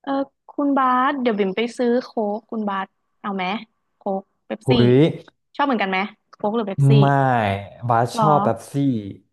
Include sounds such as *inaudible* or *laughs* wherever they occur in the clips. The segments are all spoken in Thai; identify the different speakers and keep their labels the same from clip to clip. Speaker 1: เออคุณบาสเดี๋ยวบิ่มไปซื้อโค้กคุณบาสเอาไหมโค้กเป๊ป
Speaker 2: หุ
Speaker 1: ซี่
Speaker 2: ย
Speaker 1: ชอบเหมือนกันไหมโค้กหรือเป๊ปซี่
Speaker 2: ไม่บาส
Speaker 1: หร
Speaker 2: ช
Speaker 1: อ
Speaker 2: อบเป๊ปซี่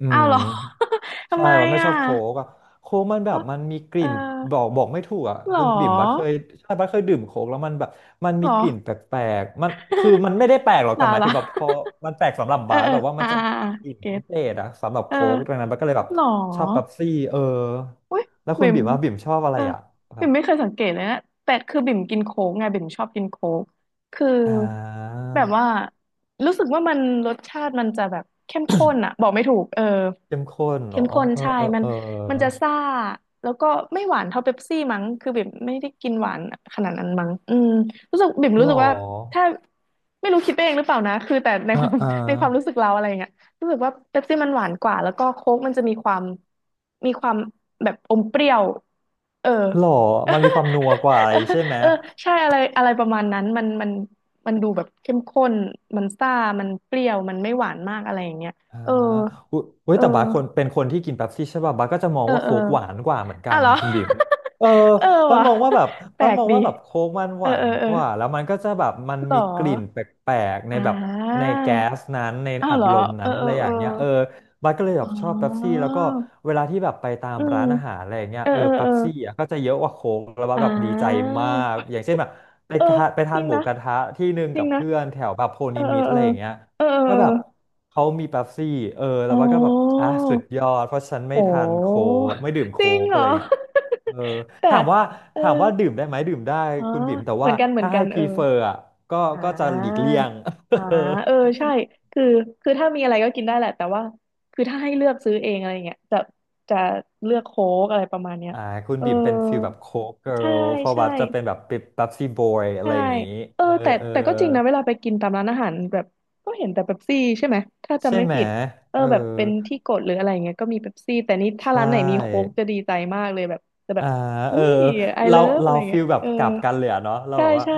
Speaker 2: อื
Speaker 1: อ้าว
Speaker 2: ม
Speaker 1: เหรอ *laughs* ทำ
Speaker 2: ใช่
Speaker 1: ไม
Speaker 2: บาไม่ช
Speaker 1: อ่ะ
Speaker 2: อบโค้กอะโค้กมันแบบมันมีก
Speaker 1: เออ
Speaker 2: ลิ่นบอกไม่ถูกอ่ะ
Speaker 1: หร
Speaker 2: คุณบิ่มบาสเค
Speaker 1: อ
Speaker 2: ยใช่บาสเคยดื่มโค้กแล้วมันแบบมัน
Speaker 1: ห
Speaker 2: มี
Speaker 1: รอ
Speaker 2: กลิ่นแป
Speaker 1: *laughs*
Speaker 2: ลกๆมันคือมันไม่ได้แปลกหรอก
Speaker 1: หร
Speaker 2: แต่
Speaker 1: อ
Speaker 2: หมา
Speaker 1: *laughs*
Speaker 2: ย
Speaker 1: หรอ
Speaker 2: ถึงแบบพอ
Speaker 1: *laughs*
Speaker 2: มันแปลกสำหรับ
Speaker 1: เออ
Speaker 2: บาส
Speaker 1: เออ
Speaker 2: แบบว่ามั
Speaker 1: อ่า
Speaker 2: นจะ
Speaker 1: อ่า
Speaker 2: มีแบ
Speaker 1: อ่า
Speaker 2: บกลิ่น
Speaker 1: เก็
Speaker 2: พิ
Speaker 1: ต
Speaker 2: เศษอะสำหรับ
Speaker 1: เออ
Speaker 2: โค้กดังนั้นบาสก็เลยแบบ
Speaker 1: หรอ
Speaker 2: ชอบเป๊ปซี่เออ
Speaker 1: อุ้ย
Speaker 2: แล้วคุณ
Speaker 1: บิ่ม
Speaker 2: บิ่มว่าบิ่มชอบอะไร
Speaker 1: เออ
Speaker 2: อ่ะแบ
Speaker 1: บิ่
Speaker 2: บ
Speaker 1: มไม่เคยสังเกตเลยนะแต่คือบิ่มกินโค้กไงบิ่มชอบกินโค้กคือ
Speaker 2: อ่า
Speaker 1: แบบว่ารู้สึกว่ามันรสชาติมันจะแบบเข้มข้นอะบอกไม่ถูกเออ
Speaker 2: เข้มข้นเหร
Speaker 1: เข้ม
Speaker 2: อ
Speaker 1: ข้น
Speaker 2: เออ
Speaker 1: ใช่
Speaker 2: เออ
Speaker 1: มัน
Speaker 2: เอ
Speaker 1: มันจะ
Speaker 2: อ
Speaker 1: ซ่าแล้วก็ไม่หวานเท่าเป๊ปซี่มั้งคือบิ่มไม่ได้กินหวานขนาดนั้นมั้งอืมรู้สึกบิ่ม
Speaker 2: หร
Speaker 1: รู้สึกว่า
Speaker 2: อ
Speaker 1: ถ้าไม่รู้คิดไปเองหรือเปล่านะคือแต่ใน
Speaker 2: อ่า
Speaker 1: ความ
Speaker 2: อ่า
Speaker 1: *laughs* ในความรู้สึกเราอะไรอย่างเงี้ย รู้สึกว่าเป๊ปซี่มันหวานกว่าแล้วก็โค้กมันจะมีความมีความแบบอมเปรี้ยวเออ
Speaker 2: หรอมันมีความ
Speaker 1: เ
Speaker 2: นัวกว่าอะไร
Speaker 1: ออ
Speaker 2: ใช่ไหม
Speaker 1: *laughs* เออใช่อะไรอะไรประมาณนั้นมันมันมันดูแบบเข้มข้นมันซ่ามันเปรี้ยวมันไม่หวานมากอะไรอย่างเงี้ย
Speaker 2: อ่า
Speaker 1: เออ
Speaker 2: อุยอุ๊ย
Speaker 1: เออ
Speaker 2: แต่บาสคนเป็นคนที่กินเป๊ปซี่ใช่ป่ะบาสก็จะมอง
Speaker 1: เออ
Speaker 2: ว่า
Speaker 1: เออ
Speaker 2: โค้กหวานกว่าเหมือนกั
Speaker 1: อ่ะ
Speaker 2: น
Speaker 1: เหรอ
Speaker 2: คุณบิ่มเออ
Speaker 1: *laughs* เออ
Speaker 2: บาส
Speaker 1: ว่ะ
Speaker 2: มองว่าแบบ
Speaker 1: แปล
Speaker 2: บาส
Speaker 1: ก
Speaker 2: มอง
Speaker 1: ดี
Speaker 2: ว่าแบบโค้กมันห
Speaker 1: เออ
Speaker 2: วา
Speaker 1: เออ
Speaker 2: น
Speaker 1: เอ
Speaker 2: ก
Speaker 1: อ
Speaker 2: ว่าแล้วมันก็จะแบบมัน
Speaker 1: เหร
Speaker 2: มี
Speaker 1: อ
Speaker 2: กลิ่นแปลกๆใน
Speaker 1: อ่
Speaker 2: แบบใน
Speaker 1: า
Speaker 2: แก๊สนั้นใน
Speaker 1: อ้า
Speaker 2: อั
Speaker 1: ว
Speaker 2: ด
Speaker 1: เหรอ
Speaker 2: ลม
Speaker 1: เอ
Speaker 2: นั้
Speaker 1: อ
Speaker 2: น
Speaker 1: เอ
Speaker 2: อะไร
Speaker 1: อ
Speaker 2: อ
Speaker 1: เอ
Speaker 2: ย่า
Speaker 1: อ
Speaker 2: งเงี้ยเออบาสก็เลยแบ
Speaker 1: อ๋
Speaker 2: บชอบเป๊ปซี่
Speaker 1: อ
Speaker 2: แล้วก็เวลาที่แบบไปตาม
Speaker 1: อืม
Speaker 2: ร้านอาหารอะไรอย่างเงี้ย
Speaker 1: เออ
Speaker 2: เออ
Speaker 1: เออ
Speaker 2: เป๊
Speaker 1: เออ
Speaker 2: ปซี่อ่ะก็จะเยอะกว่าโค้กแล้วบาส
Speaker 1: อ่
Speaker 2: แบบดีใจ
Speaker 1: า
Speaker 2: มากอย่างเช่นแบบไป
Speaker 1: เออ
Speaker 2: ทานไป
Speaker 1: จ
Speaker 2: ทาน
Speaker 1: ริง
Speaker 2: หมู
Speaker 1: นะ
Speaker 2: กระทะที่หนึ่ง
Speaker 1: จริ
Speaker 2: กั
Speaker 1: ง
Speaker 2: บ
Speaker 1: นะ
Speaker 2: เพื่อนแถวแบบโพ
Speaker 1: เอ
Speaker 2: นิ
Speaker 1: อ
Speaker 2: มิต
Speaker 1: เอ
Speaker 2: อะ
Speaker 1: อ
Speaker 2: ไรอย่างเงี้ย
Speaker 1: เออ
Speaker 2: ก็
Speaker 1: เออ
Speaker 2: แบบเขามีเป๊ปซี่เออแล้
Speaker 1: เออ
Speaker 2: วว่า
Speaker 1: เออ
Speaker 2: ก็แบบ
Speaker 1: อ๋
Speaker 2: อ่ะ
Speaker 1: อ
Speaker 2: สุดยอดเพราะฉันไม่
Speaker 1: โ
Speaker 2: ทานโค้
Speaker 1: ห
Speaker 2: กไม่ดื่ม
Speaker 1: จ
Speaker 2: โค้
Speaker 1: ริง
Speaker 2: ก
Speaker 1: เห
Speaker 2: อะ
Speaker 1: ร
Speaker 2: ไร
Speaker 1: อ
Speaker 2: เงี้ยเออ
Speaker 1: *laughs* แต่
Speaker 2: ถามว่า
Speaker 1: เออ
Speaker 2: ถามว่าดื่มได้ไหมดื่มได้
Speaker 1: อ๋อ
Speaker 2: คุณบิ่มแต่
Speaker 1: เหมื
Speaker 2: ว่า
Speaker 1: อนกันเหมือ
Speaker 2: ถ้า
Speaker 1: นกั
Speaker 2: ให้
Speaker 1: น
Speaker 2: พ
Speaker 1: เอ
Speaker 2: รี
Speaker 1: อ
Speaker 2: เฟอร์อ่ะก็
Speaker 1: อ่
Speaker 2: ก็จะหลีก
Speaker 1: า
Speaker 2: เลี่ยง
Speaker 1: อ่าเออใช่คือคือถ้ามีอะไรก็กินได้แหละแต่ว่าคือถ้าให้เลือกซื้อเองอะไรเงี้ยจะจะเลือกโค้กอะไรประมาณเนี้
Speaker 2: *laughs*
Speaker 1: ย
Speaker 2: อ่าคุณ
Speaker 1: เออ
Speaker 2: บิ่มเป็นฟิลแบบโค้กเกิ
Speaker 1: ใช่
Speaker 2: ร์ลเพราะ
Speaker 1: ใช่
Speaker 2: ว่าจะเป็นแบบเป๊ปซี่บอยอะไร
Speaker 1: ใช่
Speaker 2: อย่างงี้
Speaker 1: เออ
Speaker 2: เออ
Speaker 1: แต่
Speaker 2: เออ
Speaker 1: แต่ก็จริงนะเวลาไปกินตามร้านอาหารแบบก็เห็นแต่เป๊ปซี่ใช่ไหมถ้าจำ
Speaker 2: ใช่
Speaker 1: ไม่
Speaker 2: ไหม
Speaker 1: ผิดเออ
Speaker 2: เออ
Speaker 1: แบบเป็นที่กดหรืออะไรเงี้ยก็มีเป๊ปซี่แต่นี่ถ้า
Speaker 2: ใช่
Speaker 1: ร้านไหนมีโค้กจะดีใจมากเลยแบบจะแบ
Speaker 2: อ่า
Speaker 1: บ
Speaker 2: เอ
Speaker 1: อุ้
Speaker 2: อ
Speaker 1: ย I
Speaker 2: เรา
Speaker 1: love อะ
Speaker 2: เรา
Speaker 1: ไร
Speaker 2: ฟี
Speaker 1: เงี้ย
Speaker 2: ลแบบ
Speaker 1: เออ
Speaker 2: กลับกันเลยอะเนาะเรา
Speaker 1: ใช่
Speaker 2: แบบว่า
Speaker 1: ใช่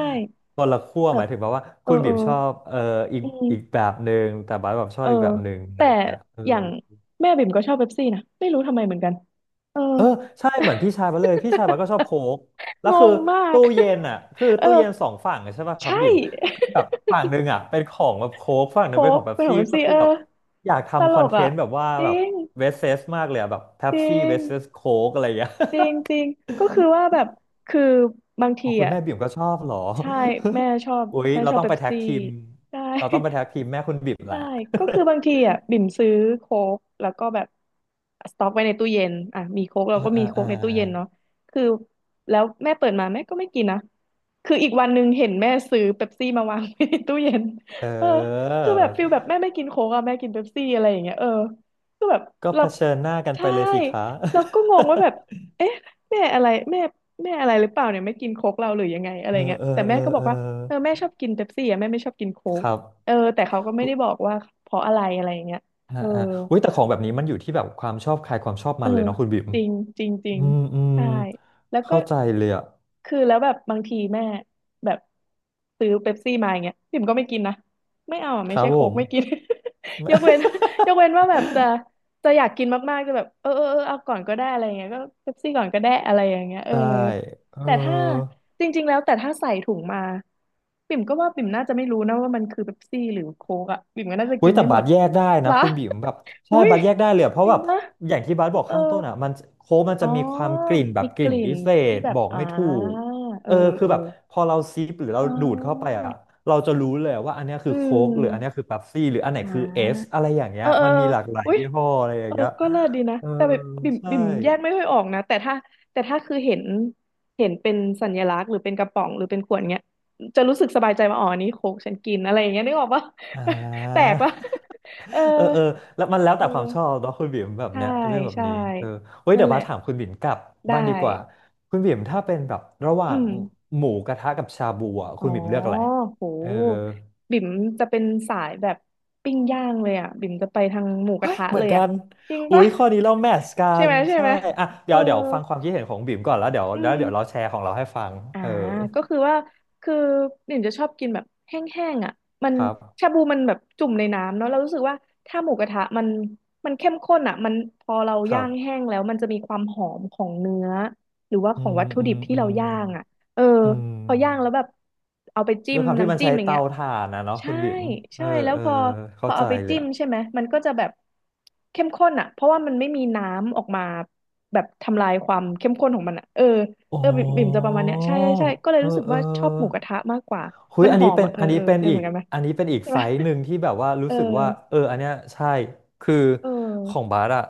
Speaker 2: คนละขั้ว
Speaker 1: แบ
Speaker 2: หมา
Speaker 1: บ
Speaker 2: ยถึงแบบว่า
Speaker 1: เอ
Speaker 2: คุ
Speaker 1: อ
Speaker 2: ณบี
Speaker 1: เออ
Speaker 2: มชอบเอออีก
Speaker 1: อื
Speaker 2: อีกแบ
Speaker 1: ม
Speaker 2: บหนึ่งแต่บาสแบบชอ
Speaker 1: เอ
Speaker 2: บ
Speaker 1: อ
Speaker 2: อีกแบบหนึ่งอะไร
Speaker 1: แต่
Speaker 2: อย่างเงี้ยเออ
Speaker 1: อย่างแม่บิ่มก็ชอบเป๊ปซี่นะไม่รู้ทำไมเหมือนกันเออ
Speaker 2: เออใช่เหมือนพี่ชายมาเลยพี่ชายมาสก็ชอบโค้กแล้
Speaker 1: *laughs*
Speaker 2: ว
Speaker 1: ง
Speaker 2: คือ
Speaker 1: งมาก
Speaker 2: ตู้เย็น
Speaker 1: *laughs*
Speaker 2: อ่ะคือ
Speaker 1: เออ
Speaker 2: ตู้เย็นสองฝั่งอะใช่ป่ะครับ
Speaker 1: ใช่
Speaker 2: บิ่มก็คือแบบ
Speaker 1: *laughs*
Speaker 2: ฝั่งหนึ่งอ่ะเป็นของแบบโค้กฝั่งห
Speaker 1: โค
Speaker 2: นึ่งเป็นขอ
Speaker 1: ก
Speaker 2: งเป๊ป
Speaker 1: เป็นขอ
Speaker 2: ซี่
Speaker 1: งเอฟ
Speaker 2: ก็
Speaker 1: ซี
Speaker 2: คือ
Speaker 1: เอ
Speaker 2: แบ
Speaker 1: อ
Speaker 2: บอยาก
Speaker 1: ต
Speaker 2: ทำค
Speaker 1: ล
Speaker 2: อน
Speaker 1: ก
Speaker 2: เท
Speaker 1: อ่ะ
Speaker 2: นต์แบบว่า
Speaker 1: จ
Speaker 2: แบ
Speaker 1: ริ
Speaker 2: บ
Speaker 1: ง
Speaker 2: เวสเซสมากเลยอะแบบเป๊
Speaker 1: จ
Speaker 2: ป
Speaker 1: ริ
Speaker 2: ซี่เว
Speaker 1: ง
Speaker 2: สเซสโค้กอะไรอย่างเงี้ย
Speaker 1: จริงจริงก็คือว่าแบบคือบาง
Speaker 2: อ๋
Speaker 1: ที
Speaker 2: อคุณ
Speaker 1: อ่ะ
Speaker 2: แม่บิ่มก็ชอบเหรอ
Speaker 1: ใช่แม่ชอบ
Speaker 2: *laughs* อุ๊ย
Speaker 1: แม่
Speaker 2: เรา
Speaker 1: ชอบ
Speaker 2: ต้อง
Speaker 1: เป๊
Speaker 2: ไป
Speaker 1: ป
Speaker 2: แท็ก
Speaker 1: ซี่
Speaker 2: ทีม
Speaker 1: ใช่
Speaker 2: เราต้องไปแท็กทีมแม่คุณบิ่มแห
Speaker 1: ใช่
Speaker 2: ละ
Speaker 1: ก็คือบางทีอ่ะบิ่มซื้อโค้กแล้วก็แบบสต็อกไว้ในตู้เย็นอ่ะมีโค้ก
Speaker 2: *laughs*
Speaker 1: เรา
Speaker 2: อ่า
Speaker 1: ก็
Speaker 2: อ่า
Speaker 1: มีโค้
Speaker 2: อ่า
Speaker 1: กในตู้เย็นเนาะคือแล้วแม่เปิดมาแม่ก็ไม่กินนะคืออีกวันหนึ่งเห็นแม่ซื้อเป๊ปซี่มาวางไว้ในตู้เย็น
Speaker 2: เอ
Speaker 1: เออ
Speaker 2: อ
Speaker 1: คือแบบฟิลแบบแม่ไม่กินโค้กอ่ะแม่กินเป๊ปซี่อะไรอย่างเงี้ยเออคือแบบ
Speaker 2: ก็เผ
Speaker 1: เรา
Speaker 2: ชิญหน้ากันไป
Speaker 1: ใช่
Speaker 2: เลยสิคะ
Speaker 1: เราก็งงว่าแบ
Speaker 2: *laughs*
Speaker 1: บเอ๊ะแม่อะไรแม่แม่อะไรหรือเปล่าเนี่ยไม่กินโค้กเราหรือยังไงอะไร
Speaker 2: เออ
Speaker 1: เงี้ย
Speaker 2: เอ
Speaker 1: แต่
Speaker 2: อเอ
Speaker 1: แม่ก็
Speaker 2: อ
Speaker 1: บ
Speaker 2: เอ
Speaker 1: อก
Speaker 2: อ
Speaker 1: ว่าเออแม่ชอบกินเป๊ปซี่อ่ะแม่ไม่ชอบกินโค้
Speaker 2: ค
Speaker 1: ก
Speaker 2: รับ
Speaker 1: เออแต่เขาก็ไม่
Speaker 2: อุ๊ย
Speaker 1: ได้บอกว่าเพราะอะไรอะไรอย่างเงี้ย
Speaker 2: อ่า
Speaker 1: เออ
Speaker 2: อ่าอุ้ยแต่ของแบบนี้มันอยู่ที่แบบความชอบใครความชอบ
Speaker 1: เอ
Speaker 2: มั
Speaker 1: อ
Speaker 2: นเลยเนาะคุณบิ่ม
Speaker 1: จริงจริงจริ
Speaker 2: อื
Speaker 1: ง
Speaker 2: มอืม
Speaker 1: ใช่แล้วก็
Speaker 2: เข้าใจเลยอะ
Speaker 1: คือแล้วแบบบางทีแม่แบบซื้อเป๊ปซี่มาอย่างเงี้ยพิมก็ไม่กินนะไม่เอาอะ
Speaker 2: ค
Speaker 1: ไม่
Speaker 2: รับ
Speaker 1: ใช่
Speaker 2: ผ
Speaker 1: โค้ก
Speaker 2: ม
Speaker 1: ไม่กิน *laughs* ยกเว้น *laughs* ยกเว้นว่า
Speaker 2: *laughs*
Speaker 1: แบบจะจะอยากกินมากๆจะแบบเออเออเออเอาก่อนก็ได้อะไรอย่างเงี้ยก็เป๊ปซี่ก่อนก็ได้อะไรอย่างเงี้ยเออ
Speaker 2: ได้เอ
Speaker 1: แต่ถ้า
Speaker 2: อ
Speaker 1: จริงๆแล้วแต่ถ้าใส่ถุงมาปิ่มก็ว่าปิ่มน่าจะไม่รู้นะว่ามันคือเป๊ปซี่หรือโค้กอะปิ่มก็น่าจะ
Speaker 2: หุ้
Speaker 1: กิ
Speaker 2: ย
Speaker 1: น
Speaker 2: แต่
Speaker 1: ได้หม
Speaker 2: บาส
Speaker 1: ด
Speaker 2: แยกได้
Speaker 1: เหร
Speaker 2: นะ
Speaker 1: อ
Speaker 2: คุณบิ่มแบบ
Speaker 1: *laughs*
Speaker 2: ใช่
Speaker 1: อุ้ย
Speaker 2: บาสแยกได้เลยอะเพ
Speaker 1: จ
Speaker 2: ราะ
Speaker 1: ริ
Speaker 2: แบ
Speaker 1: ง
Speaker 2: บ
Speaker 1: ปะ
Speaker 2: อย่างที่บาสบอก
Speaker 1: เออ
Speaker 2: ข้างต้นอ่ะมันโค้กมัน
Speaker 1: อ๋
Speaker 2: จะ
Speaker 1: อ
Speaker 2: มีความกลิ่นแบบ
Speaker 1: มี
Speaker 2: ก
Speaker 1: ก
Speaker 2: ลิ่น
Speaker 1: ลิ่
Speaker 2: พิ
Speaker 1: น
Speaker 2: เศ
Speaker 1: ที่
Speaker 2: ษ
Speaker 1: แบ
Speaker 2: บ
Speaker 1: บ
Speaker 2: อก
Speaker 1: อ่า
Speaker 2: ไม่ถูก
Speaker 1: เอ
Speaker 2: เอ
Speaker 1: อ
Speaker 2: อคือ
Speaker 1: เออ
Speaker 2: แบบพอเราซิปหรือเรา
Speaker 1: เอออ๋
Speaker 2: ดูดเข้าไป
Speaker 1: อ
Speaker 2: อ่ะเราจะรู้เลยว่าอันเนี้ยคื
Speaker 1: อื
Speaker 2: อโค้กหรืออันเนี้ย
Speaker 1: ม
Speaker 2: คือเป๊ปซี่หรืออันไหน
Speaker 1: อ่
Speaker 2: คือเอส
Speaker 1: า
Speaker 2: อะไรอย่างเงี้
Speaker 1: เอ
Speaker 2: ย
Speaker 1: อเออ
Speaker 2: มันมีหลากหลาย
Speaker 1: อุ๊ย
Speaker 2: ยี่ห้ออะไรอย่า
Speaker 1: เอ
Speaker 2: ง
Speaker 1: อ
Speaker 2: เงี้ย
Speaker 1: ก็เลิศดีนะ
Speaker 2: เออ
Speaker 1: แต่แบบบิ่ม
Speaker 2: ใช่
Speaker 1: บิ่มแยกไม่ค่อยออกนะแต่ถ้าแต่ถ้าคือเห็นเห็นเป็นสัญลักษณ์หรือเป็นกระป๋องหรือเป็นขวดเงี้ยจะรู้สึกสบายใจว่าอ๋ออันนี้โค้กฉันกินอะไรอย่างเงี้ยนึกออกปะ
Speaker 2: อ่
Speaker 1: *laughs* แปลกปะ
Speaker 2: า
Speaker 1: เออ
Speaker 2: เออเออแล้วมันแล้ว
Speaker 1: เ
Speaker 2: แต่ความชอ
Speaker 1: ออ
Speaker 2: บเนาะคุณบิ่มแบบ
Speaker 1: ใช่
Speaker 2: เนี้ยเรื่องแบบ
Speaker 1: ใช่
Speaker 2: นี้เออเฮ้ย
Speaker 1: นั่น
Speaker 2: เดี๋ยว
Speaker 1: แหละ
Speaker 2: ว่าถามคุณบิ่มกลับ
Speaker 1: ได้
Speaker 2: บ้างดีกว่าคุณบิ่มถ้าเป็นแบบระห
Speaker 1: อื
Speaker 2: ว่าง
Speaker 1: ม
Speaker 2: หมูกระทะกับชาบูอ่ะ
Speaker 1: อ๋
Speaker 2: คุ
Speaker 1: อ
Speaker 2: ณบิ่มเลือกอะไร
Speaker 1: โห
Speaker 2: เออ
Speaker 1: บิ่มจะเป็นสายแบบปิ้งย่างเลยอ่ะบิ่มจะไปทางหมูก
Speaker 2: เฮ้
Speaker 1: ระ
Speaker 2: ย
Speaker 1: ทะ
Speaker 2: เหมื
Speaker 1: เล
Speaker 2: อน
Speaker 1: ย
Speaker 2: กั
Speaker 1: อ่ะ
Speaker 2: น
Speaker 1: จริง
Speaker 2: อุ้
Speaker 1: ปะ
Speaker 2: ยข้อนี้เรา
Speaker 1: *laughs*
Speaker 2: แมทช์กั
Speaker 1: ใช่
Speaker 2: น
Speaker 1: ไหมใช่
Speaker 2: ใช่
Speaker 1: ไหม
Speaker 2: อ่ะ
Speaker 1: เอ
Speaker 2: เดี๋ย
Speaker 1: อ
Speaker 2: วเดี๋ยวฟังความคิดเห็นของบิ่มก่อนแล้วเดี๋ยว
Speaker 1: อื
Speaker 2: แล้วเดี๋ยวเรา
Speaker 1: ม
Speaker 2: แชร์ของเราให้ฟัง
Speaker 1: อ่า
Speaker 2: เออ
Speaker 1: ก็คือว่าคือบิ่มจะชอบกินแบบแห้งๆอ่ะมัน
Speaker 2: ครับ
Speaker 1: ชาบูมันแบบจุ่มในน้ำเนาะเรารู้สึกว่าถ้าหมูกระทะมันมันเข้มข้นอ่ะมันพอเรา
Speaker 2: ครั
Speaker 1: ย่าง
Speaker 2: บ
Speaker 1: แห้งแล้วมันจะมีความหอมของเนื้อหรือว่า
Speaker 2: อื
Speaker 1: ของ
Speaker 2: ม
Speaker 1: วัตถุ
Speaker 2: อื
Speaker 1: ดิ
Speaker 2: ม
Speaker 1: บที่
Speaker 2: อื
Speaker 1: เรา
Speaker 2: ม
Speaker 1: ย่างอ่ะเออ
Speaker 2: อื
Speaker 1: พอย่างแล้ว
Speaker 2: ม
Speaker 1: แบบเอาไปจิ้
Speaker 2: ด้ว
Speaker 1: ม
Speaker 2: ยความที่มัน
Speaker 1: น้ำจิ้
Speaker 2: ใช้
Speaker 1: มอย่าง
Speaker 2: เตา
Speaker 1: เงี้ย
Speaker 2: ถ่านนะเนาะคุ
Speaker 1: ใช่
Speaker 2: ณบิ่มเออ
Speaker 1: ใช่แล้ว
Speaker 2: เออ
Speaker 1: พอ
Speaker 2: เข้าใจ
Speaker 1: เอาไป
Speaker 2: เลย
Speaker 1: จิ้ม
Speaker 2: อะ
Speaker 1: ใช่ไหมมันก็จะแบบเข้มข้นอ่ะเพราะว่ามันไม่มีน้ำออกมาแบบทำลายความเข้มข้นของมันอ่ะเออ
Speaker 2: โอ้
Speaker 1: เออบิ่มจะประมาณเนี้ยใช่ใช่ใช่ก็เลย
Speaker 2: เออ
Speaker 1: รู้สึก
Speaker 2: เอ
Speaker 1: ว่าชอบหมูก
Speaker 2: อ
Speaker 1: ระทะมากกว่า
Speaker 2: คุย
Speaker 1: มัน
Speaker 2: อัน
Speaker 1: หอ
Speaker 2: นี้
Speaker 1: ม
Speaker 2: เป็น
Speaker 1: อ่ะเออ
Speaker 2: อัน
Speaker 1: เอ
Speaker 2: นี้
Speaker 1: อ
Speaker 2: เป็น
Speaker 1: เป็น
Speaker 2: อี
Speaker 1: เหมื
Speaker 2: ก
Speaker 1: อนกันไหม
Speaker 2: อันนี้เป็นอีก
Speaker 1: ใช่
Speaker 2: ไซ
Speaker 1: ปะ
Speaker 2: ส์หนึ่งที่แบบว่า
Speaker 1: *laughs* เอ
Speaker 2: รู้
Speaker 1: อ
Speaker 2: สึกว่าเอออันเนี้ยใช่คือ
Speaker 1: เอ
Speaker 2: ของ
Speaker 1: อ
Speaker 2: บาร์อะ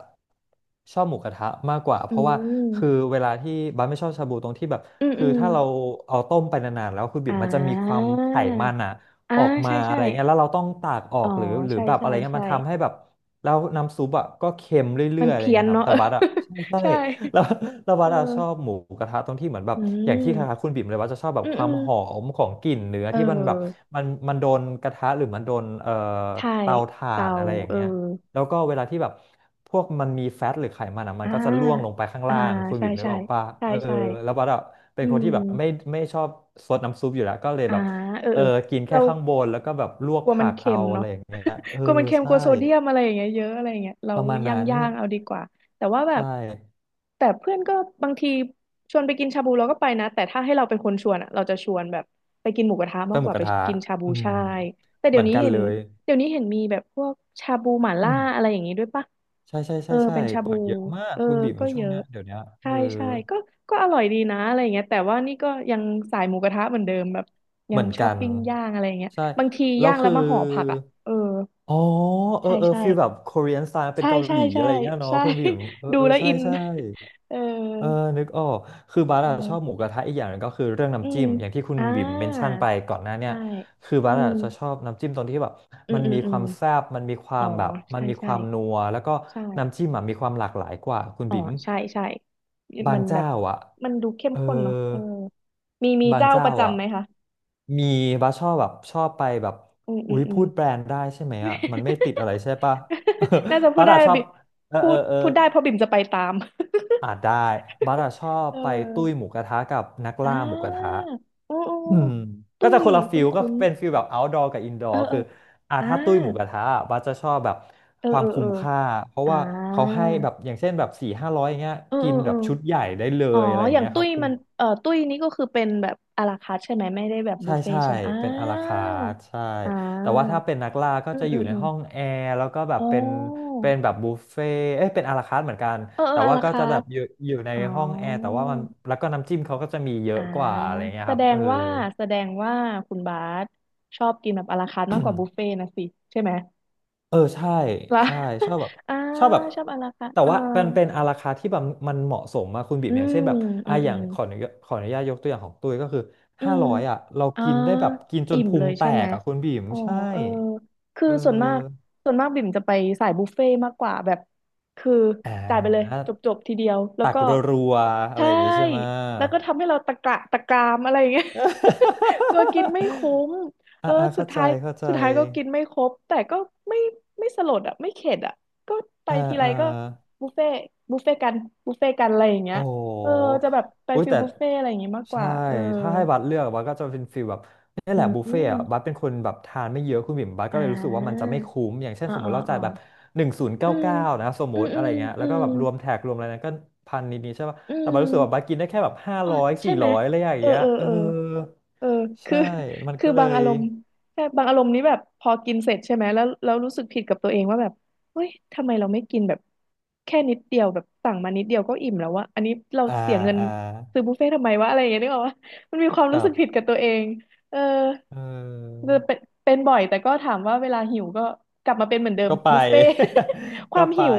Speaker 2: ชอบหมูกระทะมากกว่าเพ
Speaker 1: อื
Speaker 2: ราะว่าคือ
Speaker 1: ม
Speaker 2: เวลาที่บาร์ไม่ชอบชาบูตรงที่แบบ
Speaker 1: อืม
Speaker 2: คื
Speaker 1: อื
Speaker 2: อ
Speaker 1: ม
Speaker 2: ถ้าเราเอาต้มไปนานๆแล้วคุณบิ
Speaker 1: อ่
Speaker 2: บมันจะมีควา
Speaker 1: า
Speaker 2: มไขมันอะ
Speaker 1: อ่า
Speaker 2: ออกมา
Speaker 1: ใช่
Speaker 2: อะ
Speaker 1: ใช่
Speaker 2: ไรเงี้ยแล้วเราต้องตากออ
Speaker 1: อ๋
Speaker 2: ก
Speaker 1: อ
Speaker 2: หรือหรือ
Speaker 1: ใช่
Speaker 2: แบบอะ
Speaker 1: ใช่
Speaker 2: ไรเงี้ย
Speaker 1: ใช่
Speaker 2: มันทำให้แบบแล้วน้ำซุปอะก็เค็มเรื่
Speaker 1: มั
Speaker 2: อ
Speaker 1: น
Speaker 2: ยๆอะไร
Speaker 1: เพี้ย
Speaker 2: เงี้
Speaker 1: น
Speaker 2: ยครับ
Speaker 1: เนาะ *laughs*
Speaker 2: แต่
Speaker 1: เออ
Speaker 2: บาร์อะใช่
Speaker 1: *laughs*
Speaker 2: ใช่
Speaker 1: ใช่
Speaker 2: แล้ว *laughs* แล้ว
Speaker 1: เอ
Speaker 2: วัดอะชอบ
Speaker 1: อ
Speaker 2: หมูกระทะตรงที่เหมือนแบบ
Speaker 1: อื
Speaker 2: อย่างที่คล้าย
Speaker 1: ม
Speaker 2: ๆคุณบิ่มเลยว่าจะชอบแบบ
Speaker 1: อืม
Speaker 2: ค
Speaker 1: อื
Speaker 2: วาม
Speaker 1: ม
Speaker 2: หอมของกลิ่นเนื้อ
Speaker 1: เอ
Speaker 2: ที่มันแบบ
Speaker 1: อ
Speaker 2: มันโดนกระทะหรือมันโดน
Speaker 1: ใช่
Speaker 2: เตาถ่า
Speaker 1: เตา
Speaker 2: นอะไรอย่าง
Speaker 1: เออ
Speaker 2: เงี้ยแล้วก็เวลาที่แบบพวกมันมีแฟตหรือไขมันอะมัน
Speaker 1: อ่า
Speaker 2: ก็จะล่วงลงไปข้าง
Speaker 1: อ่า
Speaker 2: ล่างคุณ
Speaker 1: ใช่
Speaker 2: บิ่มนึก
Speaker 1: ใช่
Speaker 2: ออกป่ะ
Speaker 1: ใช่
Speaker 2: เออ
Speaker 1: ใช่
Speaker 2: แล้ววัดอะเป็
Speaker 1: อื
Speaker 2: นคนที่แบบไม่
Speaker 1: ม
Speaker 2: ไม่ชอบซดน้ำซุปอยู่แล้วก็เลย
Speaker 1: อ่า
Speaker 2: แบบ
Speaker 1: เออ
Speaker 2: เออ
Speaker 1: เออ
Speaker 2: กินแค่
Speaker 1: เรา
Speaker 2: ข้างบนแล้วก็แบบลวก
Speaker 1: กลัวมั
Speaker 2: ผั
Speaker 1: น
Speaker 2: ก
Speaker 1: เค็
Speaker 2: เอา
Speaker 1: ม
Speaker 2: อะไร
Speaker 1: เนาะ
Speaker 2: อย่างเงี้ยเออ
Speaker 1: กลัวมันเค็มก
Speaker 2: ใช่
Speaker 1: ลัวโซเดียมอะไรอย่างเงี้ยเยอะอะไรอย่างเงี้ยเรา
Speaker 2: ประมาณ
Speaker 1: ย่า
Speaker 2: นั้
Speaker 1: ง
Speaker 2: น
Speaker 1: เอาดีกว่าแต่ว่าแบ
Speaker 2: ใช่
Speaker 1: บแต่เพื่อนก็บางทีชวนไปกินชาบูเราก็ไปนะแต่ถ้าให้เราเป็นคนชวนอะเราจะชวนแบบไปกินหมูกระทะ
Speaker 2: ไป
Speaker 1: มาก
Speaker 2: ห
Speaker 1: ก
Speaker 2: มู
Speaker 1: ว่า
Speaker 2: ก
Speaker 1: ไป
Speaker 2: ระทะ
Speaker 1: กินชาบู
Speaker 2: อืม
Speaker 1: ใช่แต่
Speaker 2: เห
Speaker 1: เดี๋
Speaker 2: มื
Speaker 1: ย
Speaker 2: อ
Speaker 1: ว
Speaker 2: น
Speaker 1: นี้
Speaker 2: กัน
Speaker 1: เห็
Speaker 2: เล
Speaker 1: น
Speaker 2: ย
Speaker 1: มีแบบพวกชาบูหม่า
Speaker 2: อื
Speaker 1: ล่า
Speaker 2: ม
Speaker 1: อะไรอย่างงี้ด้วยปะ
Speaker 2: ใช่ใช่
Speaker 1: เอ
Speaker 2: ใช่
Speaker 1: อ
Speaker 2: ใช่
Speaker 1: เป็นชา
Speaker 2: เปิ
Speaker 1: บู
Speaker 2: ดเยอะมาก
Speaker 1: เออ
Speaker 2: คุณบีม
Speaker 1: ก็
Speaker 2: ช่
Speaker 1: เย
Speaker 2: วง
Speaker 1: อะ
Speaker 2: เนี้ยเดี๋ยวเนี้ยเอ
Speaker 1: ใช่
Speaker 2: อ
Speaker 1: ใช่ก็อร่อยดีนะอะไรอย่างเงี้ยแต่ว่านี่ก็ยังสายหมูกระทะเหมือนเดิมแบบ
Speaker 2: เห
Speaker 1: ยั
Speaker 2: มื
Speaker 1: ง
Speaker 2: อน
Speaker 1: ชอ
Speaker 2: กั
Speaker 1: บ
Speaker 2: น
Speaker 1: ปิ้งย่างอะไรอย่างเงี้ย
Speaker 2: ใช่
Speaker 1: บางที
Speaker 2: แล้ว
Speaker 1: ย่างแล้
Speaker 2: คื
Speaker 1: ว
Speaker 2: อ
Speaker 1: มาห่อผักอ่ะเออ
Speaker 2: อ๋อเออ
Speaker 1: ใช่
Speaker 2: เออ
Speaker 1: ใช่
Speaker 2: ฟีลแบบ Korean style เป็น
Speaker 1: ใช่
Speaker 2: เกาห
Speaker 1: ใช่
Speaker 2: ลี
Speaker 1: *laughs*
Speaker 2: อะ
Speaker 1: ใช่
Speaker 2: ไรเงี้ยเนาะ
Speaker 1: ใช่
Speaker 2: คุณบีมเออ
Speaker 1: *laughs* ดู
Speaker 2: เออ
Speaker 1: แล้ว
Speaker 2: ใช่
Speaker 1: อิน
Speaker 2: ใช่
Speaker 1: เออ
Speaker 2: เออนึกออกคือบาร์อะ
Speaker 1: เน
Speaker 2: ชอบหมู
Speaker 1: อะ
Speaker 2: กระทะอีกอย่างหนึงก็คือเรื่อง
Speaker 1: อื
Speaker 2: น้ำจิ้
Speaker 1: ม
Speaker 2: มอย่างที่คุณ
Speaker 1: อ่
Speaker 2: บิ่มเมนชั่น
Speaker 1: า
Speaker 2: ไปก่อนหน้าเนี่ย
Speaker 1: ใช่
Speaker 2: คือบา
Speaker 1: อื
Speaker 2: ร์อะ
Speaker 1: ม
Speaker 2: จะชอบน้ำจิ้มตรงที่แบบ
Speaker 1: อื
Speaker 2: มั
Speaker 1: ม
Speaker 2: น
Speaker 1: อืม
Speaker 2: มี
Speaker 1: อื
Speaker 2: ควา
Speaker 1: ม
Speaker 2: มแซ่บมันมีควา
Speaker 1: อ๋อ
Speaker 2: มแบบมัน
Speaker 1: ใช่
Speaker 2: มีค
Speaker 1: ใช่
Speaker 2: วามนัวแล้วก็
Speaker 1: ใ
Speaker 2: น้ำ
Speaker 1: ช่
Speaker 2: จิ้มอะมีความหลากหลายกว่าคุณ
Speaker 1: อ๋อ
Speaker 2: บิ่ม
Speaker 1: ใช่ใช่
Speaker 2: บา
Speaker 1: มั
Speaker 2: ง
Speaker 1: นแบ
Speaker 2: เจ้า
Speaker 1: บ
Speaker 2: อ่ะ
Speaker 1: มันดูเข้ม
Speaker 2: เออ
Speaker 1: ข้นเนาะเออมี
Speaker 2: บาง
Speaker 1: เจ้าป
Speaker 2: เจ้า
Speaker 1: ระ
Speaker 2: อ่ะ
Speaker 1: จำไหมคะ
Speaker 2: มีบาร์ชอบแบบชอบไปแบบ
Speaker 1: อืมอื
Speaker 2: อุ๊
Speaker 1: ม
Speaker 2: ย
Speaker 1: อื
Speaker 2: พู
Speaker 1: ม
Speaker 2: ดแบรนด์ได้ใช่ไหมอ่ะมันไม่ติดอะไรใช่ปะ
Speaker 1: *laughs* น่าจะ
Speaker 2: *laughs*
Speaker 1: พู
Speaker 2: บา
Speaker 1: ด
Speaker 2: ร์
Speaker 1: ได้
Speaker 2: อะชอบ
Speaker 1: บิ
Speaker 2: เออ
Speaker 1: พู
Speaker 2: เออ
Speaker 1: ด
Speaker 2: เออ
Speaker 1: ได้เพราะบิ่มจะไปตาม
Speaker 2: อ่าได้บัสอะชอ
Speaker 1: *laughs*
Speaker 2: บ
Speaker 1: เอ
Speaker 2: ไปตุ้ยห
Speaker 1: อ
Speaker 2: มูกระทะกับนัก
Speaker 1: อ่
Speaker 2: ล่าหมูกระทะ
Speaker 1: าโอ้โอ้
Speaker 2: อืมก็
Speaker 1: ตุ้
Speaker 2: จะ
Speaker 1: ย
Speaker 2: คนละฟิ
Speaker 1: คุ้น
Speaker 2: ลก็
Speaker 1: คุ้น
Speaker 2: เป็นฟิลแบบ outdoor กับ
Speaker 1: เอ
Speaker 2: indoor
Speaker 1: อเอ
Speaker 2: คื
Speaker 1: อ
Speaker 2: ออ่า
Speaker 1: อ่า
Speaker 2: ถ้าตุ้ยหมูกระทะอะบัสจะชอบแบบ
Speaker 1: เออ
Speaker 2: ควา
Speaker 1: เอ
Speaker 2: ม
Speaker 1: อเอ
Speaker 2: คุ้
Speaker 1: อ
Speaker 2: มค่าเพราะ
Speaker 1: อ่า
Speaker 2: ว่าเขาให้แบบอย่างเช่นแบบ400-500อย่างเงี้ย
Speaker 1: เออ
Speaker 2: กิ
Speaker 1: เอ
Speaker 2: น
Speaker 1: อ
Speaker 2: แบ
Speaker 1: เออ
Speaker 2: บชุดใหญ่ได้เล
Speaker 1: อ๋อ
Speaker 2: ยอะไรอ
Speaker 1: อ
Speaker 2: ย่าง
Speaker 1: ย่าง
Speaker 2: เงี้ยค
Speaker 1: ตุ้
Speaker 2: รั
Speaker 1: ย
Speaker 2: บ
Speaker 1: มันตุ้ยนี่ก็คือเป็นแบบอาราคาร์ทใช่ไหมไม่ได้แบบบุ
Speaker 2: ใช่
Speaker 1: ฟเฟ่
Speaker 2: ใช่
Speaker 1: ต์ใช่ไหมอ่า
Speaker 2: เป็นอาราคาร์ทใช่
Speaker 1: อ่
Speaker 2: แต่ว่า
Speaker 1: า
Speaker 2: ถ้าเป็นนักล่าก็
Speaker 1: อืม
Speaker 2: จะอ
Speaker 1: อื
Speaker 2: ยู่
Speaker 1: ม
Speaker 2: ใน
Speaker 1: อืม
Speaker 2: ห้องแอร์แล้วก็แบบ
Speaker 1: อ๋
Speaker 2: เป็น
Speaker 1: อ
Speaker 2: เป็นแบบบุฟเฟ่ต์เอ้ยเป็นอาราคาร์ทเหมือนกัน
Speaker 1: เออเอ
Speaker 2: แต่
Speaker 1: ออา
Speaker 2: ว่า
Speaker 1: รา
Speaker 2: ก็
Speaker 1: คา
Speaker 2: จะแบ
Speaker 1: ร์
Speaker 2: บ
Speaker 1: ท
Speaker 2: อยู่ใน
Speaker 1: อ๋อ
Speaker 2: ห้องแอร์แต่ว่ามันแล้วก็น้ำจิ้มเขาก็จะมีเยอะ
Speaker 1: อ่า
Speaker 2: กว่าอะไรเงี้ย
Speaker 1: แส
Speaker 2: ครั
Speaker 1: ด
Speaker 2: บเอ
Speaker 1: ง
Speaker 2: อ
Speaker 1: ว่าแสดงว่าคุณบาสชอบกินแบบอาราคาร์ทมากกว่าบุฟเฟ่ต์
Speaker 2: *coughs*
Speaker 1: นะสิใช่ไหม
Speaker 2: เออใช่
Speaker 1: ล่ะ
Speaker 2: ใช่ชอบแบบ
Speaker 1: *laughs* อ่า
Speaker 2: ชอบแบบ
Speaker 1: ชอบอาราคาร์ท
Speaker 2: แต่
Speaker 1: เออ
Speaker 2: ว่ามันเป็นอาราคาร์ทที่แบบมันเหมาะสมมาคุณบิ๊
Speaker 1: อื
Speaker 2: มอย่างเช่
Speaker 1: ม
Speaker 2: นแบบ
Speaker 1: อื
Speaker 2: อ่ะ
Speaker 1: ม
Speaker 2: อ
Speaker 1: อื
Speaker 2: ย่าง
Speaker 1: ม
Speaker 2: ขออนุญาตขออนุญาตยกตัวอย่างของตุ้ยก็คือ
Speaker 1: อื
Speaker 2: ห้า
Speaker 1: ม
Speaker 2: ร้อยอ่ะเรา
Speaker 1: อ่า
Speaker 2: กินได้แบบกินจน
Speaker 1: อิ่ม
Speaker 2: พุ
Speaker 1: เล
Speaker 2: ง
Speaker 1: ย
Speaker 2: แต
Speaker 1: ใช่ไหม
Speaker 2: กอ่ะคุณบิ๊ม
Speaker 1: อ๋อ
Speaker 2: ใช่
Speaker 1: เออ คือ
Speaker 2: เออ
Speaker 1: ส่วนมาก บิ่มจะไปสายบุฟเฟ่ต์มากกว่าแบบคือ
Speaker 2: อ่
Speaker 1: จ่ายไปเลย
Speaker 2: า
Speaker 1: จบทีเดียว แล้ว
Speaker 2: ตัก
Speaker 1: ก็
Speaker 2: รัวๆอะไร
Speaker 1: ใช่
Speaker 2: อย่างงี้ใช่ไหม
Speaker 1: แล้วก็ทำให้เราตะกระตะกรามอะไรอย่างเงี้ย *laughs* กลัวกินไม่คุ้ม
Speaker 2: *laughs*
Speaker 1: เอ
Speaker 2: อ่า
Speaker 1: อ
Speaker 2: อ่า
Speaker 1: สุ
Speaker 2: เข้า
Speaker 1: ด
Speaker 2: ใจ
Speaker 1: ท้าย
Speaker 2: เข้าใจ
Speaker 1: ก็กินไม่ครบแต่ก็ไม่สลดอ่ะไม่เข็ดอ่ะก็ไป
Speaker 2: อ่า
Speaker 1: ทีไร
Speaker 2: อ่า
Speaker 1: ก็บุฟเฟ่ต์บุฟเฟ่ต์กันบุฟเฟ่ต์กันอะไรอย่างเงี้ย
Speaker 2: โอ้โ
Speaker 1: เออ
Speaker 2: ห
Speaker 1: จะแบบไป
Speaker 2: อุ้ย
Speaker 1: ฟิล
Speaker 2: แต่
Speaker 1: บุฟเฟ่อะไรอย่างงี้มากก
Speaker 2: ใช่
Speaker 1: ว่าเออ
Speaker 2: ถ้าให้บัสเลือกบัสก็จะเป็นฟีลแบบนี่
Speaker 1: อื
Speaker 2: แหละบุฟเฟ่ต์อะบั
Speaker 1: ม
Speaker 2: สเป็นคนแบบทานไม่เยอะคุณบิ่มบัส
Speaker 1: อ่
Speaker 2: ก็เลยรู้สึกว่ามันจะ
Speaker 1: า
Speaker 2: ไม่คุ้มอย่างเช่น
Speaker 1: อ๋อ
Speaker 2: สมม
Speaker 1: อ๋อ
Speaker 2: ติเรา
Speaker 1: อ๋
Speaker 2: จ่า
Speaker 1: อ
Speaker 2: ยแบบหนึ่งศูนย์เก้า
Speaker 1: อืม
Speaker 2: เก้านะสมม
Speaker 1: อืม
Speaker 2: ติ
Speaker 1: อื
Speaker 2: อะไร
Speaker 1: ม
Speaker 2: เงี้ย
Speaker 1: อื
Speaker 2: แล้วก็
Speaker 1: ม
Speaker 2: แบบรวมแท็กรวมอะไรนั้นก็พันนิดๆใช่ป่ะ
Speaker 1: อื
Speaker 2: แต่บัสรู้สึกว่าบัส
Speaker 1: ม
Speaker 2: กินได้แค่แบบห้า
Speaker 1: อ๋อ
Speaker 2: ร้อย
Speaker 1: ใช่
Speaker 2: สี่
Speaker 1: ไหม
Speaker 2: ร้อยอะไรอย่าง
Speaker 1: เออ
Speaker 2: เงี้ย
Speaker 1: เออ
Speaker 2: เออ
Speaker 1: เออ เออคื
Speaker 2: ใช่
Speaker 1: อ
Speaker 2: มัน
Speaker 1: *laughs* คือ
Speaker 2: ก็เล
Speaker 1: บาง
Speaker 2: ย
Speaker 1: อารมณ์ใช่บางอารมณ์นี้แบบพอกินเสร็จใช่ไหม แล้วรู้สึกผิดกับตัวเองว่าแบบเฮ้ยทำไมเราไม่กินแบบแค่นิดเดียวแบบสั่งมานิดเดียวก็อิ่มแล้ววะอันนี้เรา
Speaker 2: อ่า
Speaker 1: เสียเงิน
Speaker 2: อ่า
Speaker 1: ซื้อบุฟเฟ่ต์ทำไมวะอะไรอย่างเงี้ยนึกออกว่ามันมีความ
Speaker 2: ค
Speaker 1: รู้
Speaker 2: รั
Speaker 1: สึกผิดกั
Speaker 2: บ
Speaker 1: บตัวเองเออ
Speaker 2: เออ
Speaker 1: จะเป็นบ่อยแต่ก็ถามว่าเวลาหิวก็กลับมาเป็นเหมือนเดิม
Speaker 2: ก็ไป
Speaker 1: บุฟเฟ่ต์ *laughs*
Speaker 2: *laughs*
Speaker 1: ค
Speaker 2: ก็
Speaker 1: วาม
Speaker 2: ไป
Speaker 1: หิว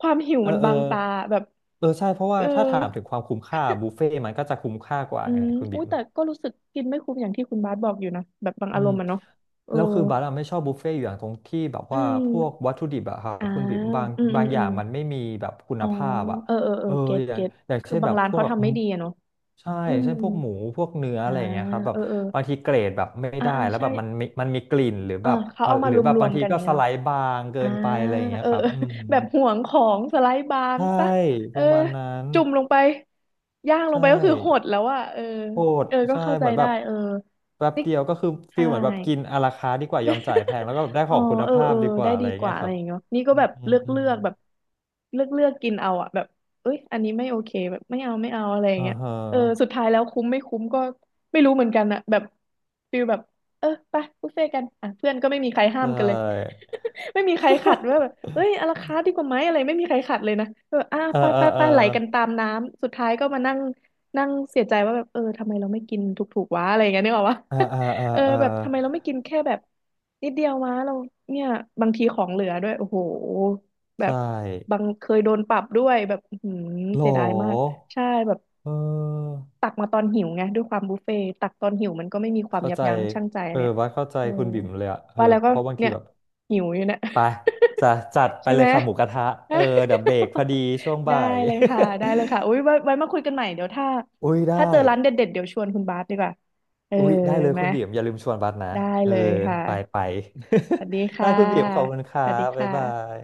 Speaker 2: เออ
Speaker 1: มัน
Speaker 2: เออ
Speaker 1: บังตาแบบ
Speaker 2: เออ ใช่ เพราะว่า
Speaker 1: เออ
Speaker 2: ถ้าถามถึงความคุ้มค่าบุฟเฟ่ต์มันก็จะคุ้มค่ากว่า
Speaker 1: อื
Speaker 2: ไง
Speaker 1: ม
Speaker 2: คุณ
Speaker 1: อุ้
Speaker 2: บิ๊
Speaker 1: ย
Speaker 2: ม
Speaker 1: แต่ก็รู้สึกกินไม่คุ้มอย่างที่คุณบาสบอกอยู่นะแบบบาง
Speaker 2: อื
Speaker 1: อาร
Speaker 2: ม
Speaker 1: มณ์อะเนาะเออ
Speaker 2: แล้วคือบาร์อะไม่ชอบบุฟเฟ่ต์อยู่อย่างตรงที่แบบ
Speaker 1: อื
Speaker 2: ว่า
Speaker 1: ม
Speaker 2: พวกวัตถุดิบอะครับ
Speaker 1: อ่า
Speaker 2: คุณบิ๊มบาง
Speaker 1: อืมอื
Speaker 2: บาง
Speaker 1: ม
Speaker 2: อ
Speaker 1: อื
Speaker 2: ย่า
Speaker 1: ม
Speaker 2: งมันไม่มีแบบคุณ
Speaker 1: อ๋อ
Speaker 2: ภาพอะ
Speaker 1: เออเออเอ
Speaker 2: เอ
Speaker 1: อ
Speaker 2: อ
Speaker 1: เก็ต
Speaker 2: อย่าง
Speaker 1: เก็ต
Speaker 2: อย่าง
Speaker 1: คือ
Speaker 2: เช่น
Speaker 1: บา
Speaker 2: แบ
Speaker 1: ง
Speaker 2: บ
Speaker 1: ร้าน
Speaker 2: พวก
Speaker 1: เขา
Speaker 2: แบบ
Speaker 1: ทำไม่ดีอะเนาะ
Speaker 2: ใช่
Speaker 1: อื
Speaker 2: อย่าง
Speaker 1: ม
Speaker 2: เช่นพวกหมูพวกเนื้อ
Speaker 1: อ่า
Speaker 2: อะไรอย่างเงี้ยครับแบบ
Speaker 1: เออเออ
Speaker 2: บางทีเกรดแบบไม่
Speaker 1: อ่า
Speaker 2: ได้
Speaker 1: อ่า
Speaker 2: แล้วแบ
Speaker 1: ใช่
Speaker 2: บมันมีกลิ่นหรือ
Speaker 1: เอ
Speaker 2: แบ
Speaker 1: อ
Speaker 2: บ
Speaker 1: เขา
Speaker 2: อ่ะ
Speaker 1: เอา
Speaker 2: ห
Speaker 1: มา
Speaker 2: รื
Speaker 1: ร
Speaker 2: อแบบ
Speaker 1: ว
Speaker 2: บาง
Speaker 1: ม
Speaker 2: ที
Speaker 1: ๆกันอ
Speaker 2: ก็
Speaker 1: ย่างเงี้
Speaker 2: ส
Speaker 1: ย
Speaker 2: ไล
Speaker 1: เนาะ
Speaker 2: ด์บางเกิ
Speaker 1: อ่า
Speaker 2: นไปอะไรอย่างเงี้
Speaker 1: เอ
Speaker 2: ย
Speaker 1: อ
Speaker 2: ค
Speaker 1: *laughs*
Speaker 2: รับ
Speaker 1: เออ
Speaker 2: อืม
Speaker 1: แบบห่วงของสไลด์บาง
Speaker 2: ใช่
Speaker 1: ซะ
Speaker 2: ป
Speaker 1: เออ
Speaker 2: ระมาณนั้น
Speaker 1: จุ่มลงไปย่างลง
Speaker 2: ใช่
Speaker 1: ไปก็คือหดแล้วอะเออ
Speaker 2: โหด
Speaker 1: เออก็
Speaker 2: ใช่
Speaker 1: เข้าใจ
Speaker 2: เหมือนแบ
Speaker 1: ได้
Speaker 2: บ
Speaker 1: เออ
Speaker 2: แป๊บ
Speaker 1: นี่
Speaker 2: เดียวก็คือฟิ
Speaker 1: ใช่
Speaker 2: ลเหมือนแบบกินอาราคาร์ทดีกว่ายอมจ่ายแพงแล้วก็แบบได้ข
Speaker 1: อ๋อ
Speaker 2: องคุณ
Speaker 1: เออ
Speaker 2: ภา
Speaker 1: เอ
Speaker 2: พ
Speaker 1: อ
Speaker 2: ดีกว่า
Speaker 1: ได้
Speaker 2: อะไร
Speaker 1: ดี
Speaker 2: อย่าง
Speaker 1: ก
Speaker 2: เงี้
Speaker 1: ว่า
Speaker 2: ย
Speaker 1: อะ
Speaker 2: ค
Speaker 1: ไร
Speaker 2: รับ
Speaker 1: อย่างเงี้ยนี่ก็
Speaker 2: อื
Speaker 1: แบ
Speaker 2: ม
Speaker 1: บ
Speaker 2: อืม
Speaker 1: เลือก
Speaker 2: อืม
Speaker 1: แบบเลือกกินเอาอะแบบเอ้ยอันนี้ไม่โอเคแบบไม่เอาอะไรอย่าง
Speaker 2: อ่า
Speaker 1: เงี้ย
Speaker 2: ฮะ
Speaker 1: เออสุดท้ายแล้วคุ้มไม่คุ้มก็ไม่รู้เหมือนกันอะแบบฟิลแบบเออไปบุฟเฟ่ต์กันอ่ะเพื่อนก็ไม่มีใคร
Speaker 2: ใช
Speaker 1: ห้ามกันเลย
Speaker 2: ่
Speaker 1: *laughs* ไม่มีใครขัดว่าแบบ
Speaker 2: *laughs*
Speaker 1: เอ้ยอลาคาร์ทดีกว่าไหมอะไรไม่มีใครขัดเลยนะเอออ่ะ
Speaker 2: เออ
Speaker 1: ไป
Speaker 2: เออเออ
Speaker 1: ไหลกันตามน้ำสุดท้ายก็มานั่งนั่งเสียใจว่าแบบเออทำไมเราไม่กินถูกๆวะอะไรอย่างเงี้ยนึกออกปะ
Speaker 2: เออเอออา
Speaker 1: เออ
Speaker 2: อา
Speaker 1: แบบทำไมเราไม่กินแค่แบบนิดเดียวมาเราเนี่ยบางทีของเหลือด้วยโอ้โหแบ
Speaker 2: ใช่
Speaker 1: บบางเคยโดนปรับด้วยแบบอื้อหืม
Speaker 2: โหล
Speaker 1: เสียดายมากใช่แบบ
Speaker 2: เออ
Speaker 1: ตักมาตอนหิวไงด้วยความบุฟเฟ่ต์ตักตอนหิวมันก็ไม่มีความ
Speaker 2: เข้า
Speaker 1: ยับ
Speaker 2: ใจ
Speaker 1: ยั้งชั่งใจ
Speaker 2: เออ
Speaker 1: เนี่ย
Speaker 2: ว่าเข้าใจ
Speaker 1: เออ
Speaker 2: คุณบิ่มเลยอะเออ
Speaker 1: ว่าแล้วก็
Speaker 2: เพราะบางที
Speaker 1: เนี่ย
Speaker 2: แบบ
Speaker 1: หิวอยู่เนี่ย
Speaker 2: ไปจะจัด
Speaker 1: *laughs*
Speaker 2: ไป
Speaker 1: ใช่
Speaker 2: เล
Speaker 1: ไหม
Speaker 2: ยค่ะหมูกระทะเออเดี๋ยวเบรกพอ
Speaker 1: *laughs*
Speaker 2: ดีช่วง
Speaker 1: ได้
Speaker 2: บ่าย
Speaker 1: เลยค่ะอุ้ยไว้มาคุยกันใหม่เดี๋ยวถ้า
Speaker 2: *laughs* อุ้ยได้
Speaker 1: เจอร้านเด็ดๆเดี๋ยวชวนคุณบาสดีกว่าเออ
Speaker 2: อุ๊ยได้เลย
Speaker 1: ไหม
Speaker 2: คุณบีมอย่าลืมชวนบัสนะ
Speaker 1: ได้
Speaker 2: เออ
Speaker 1: เลยค่ะ
Speaker 2: ไปไป
Speaker 1: สวัสดี
Speaker 2: *laughs* ได้
Speaker 1: ค่ะ
Speaker 2: คุณบีมขอบคุณค
Speaker 1: ส
Speaker 2: รั
Speaker 1: วัสดี
Speaker 2: บ
Speaker 1: ค
Speaker 2: บ๊ายบา
Speaker 1: ่ะ
Speaker 2: ย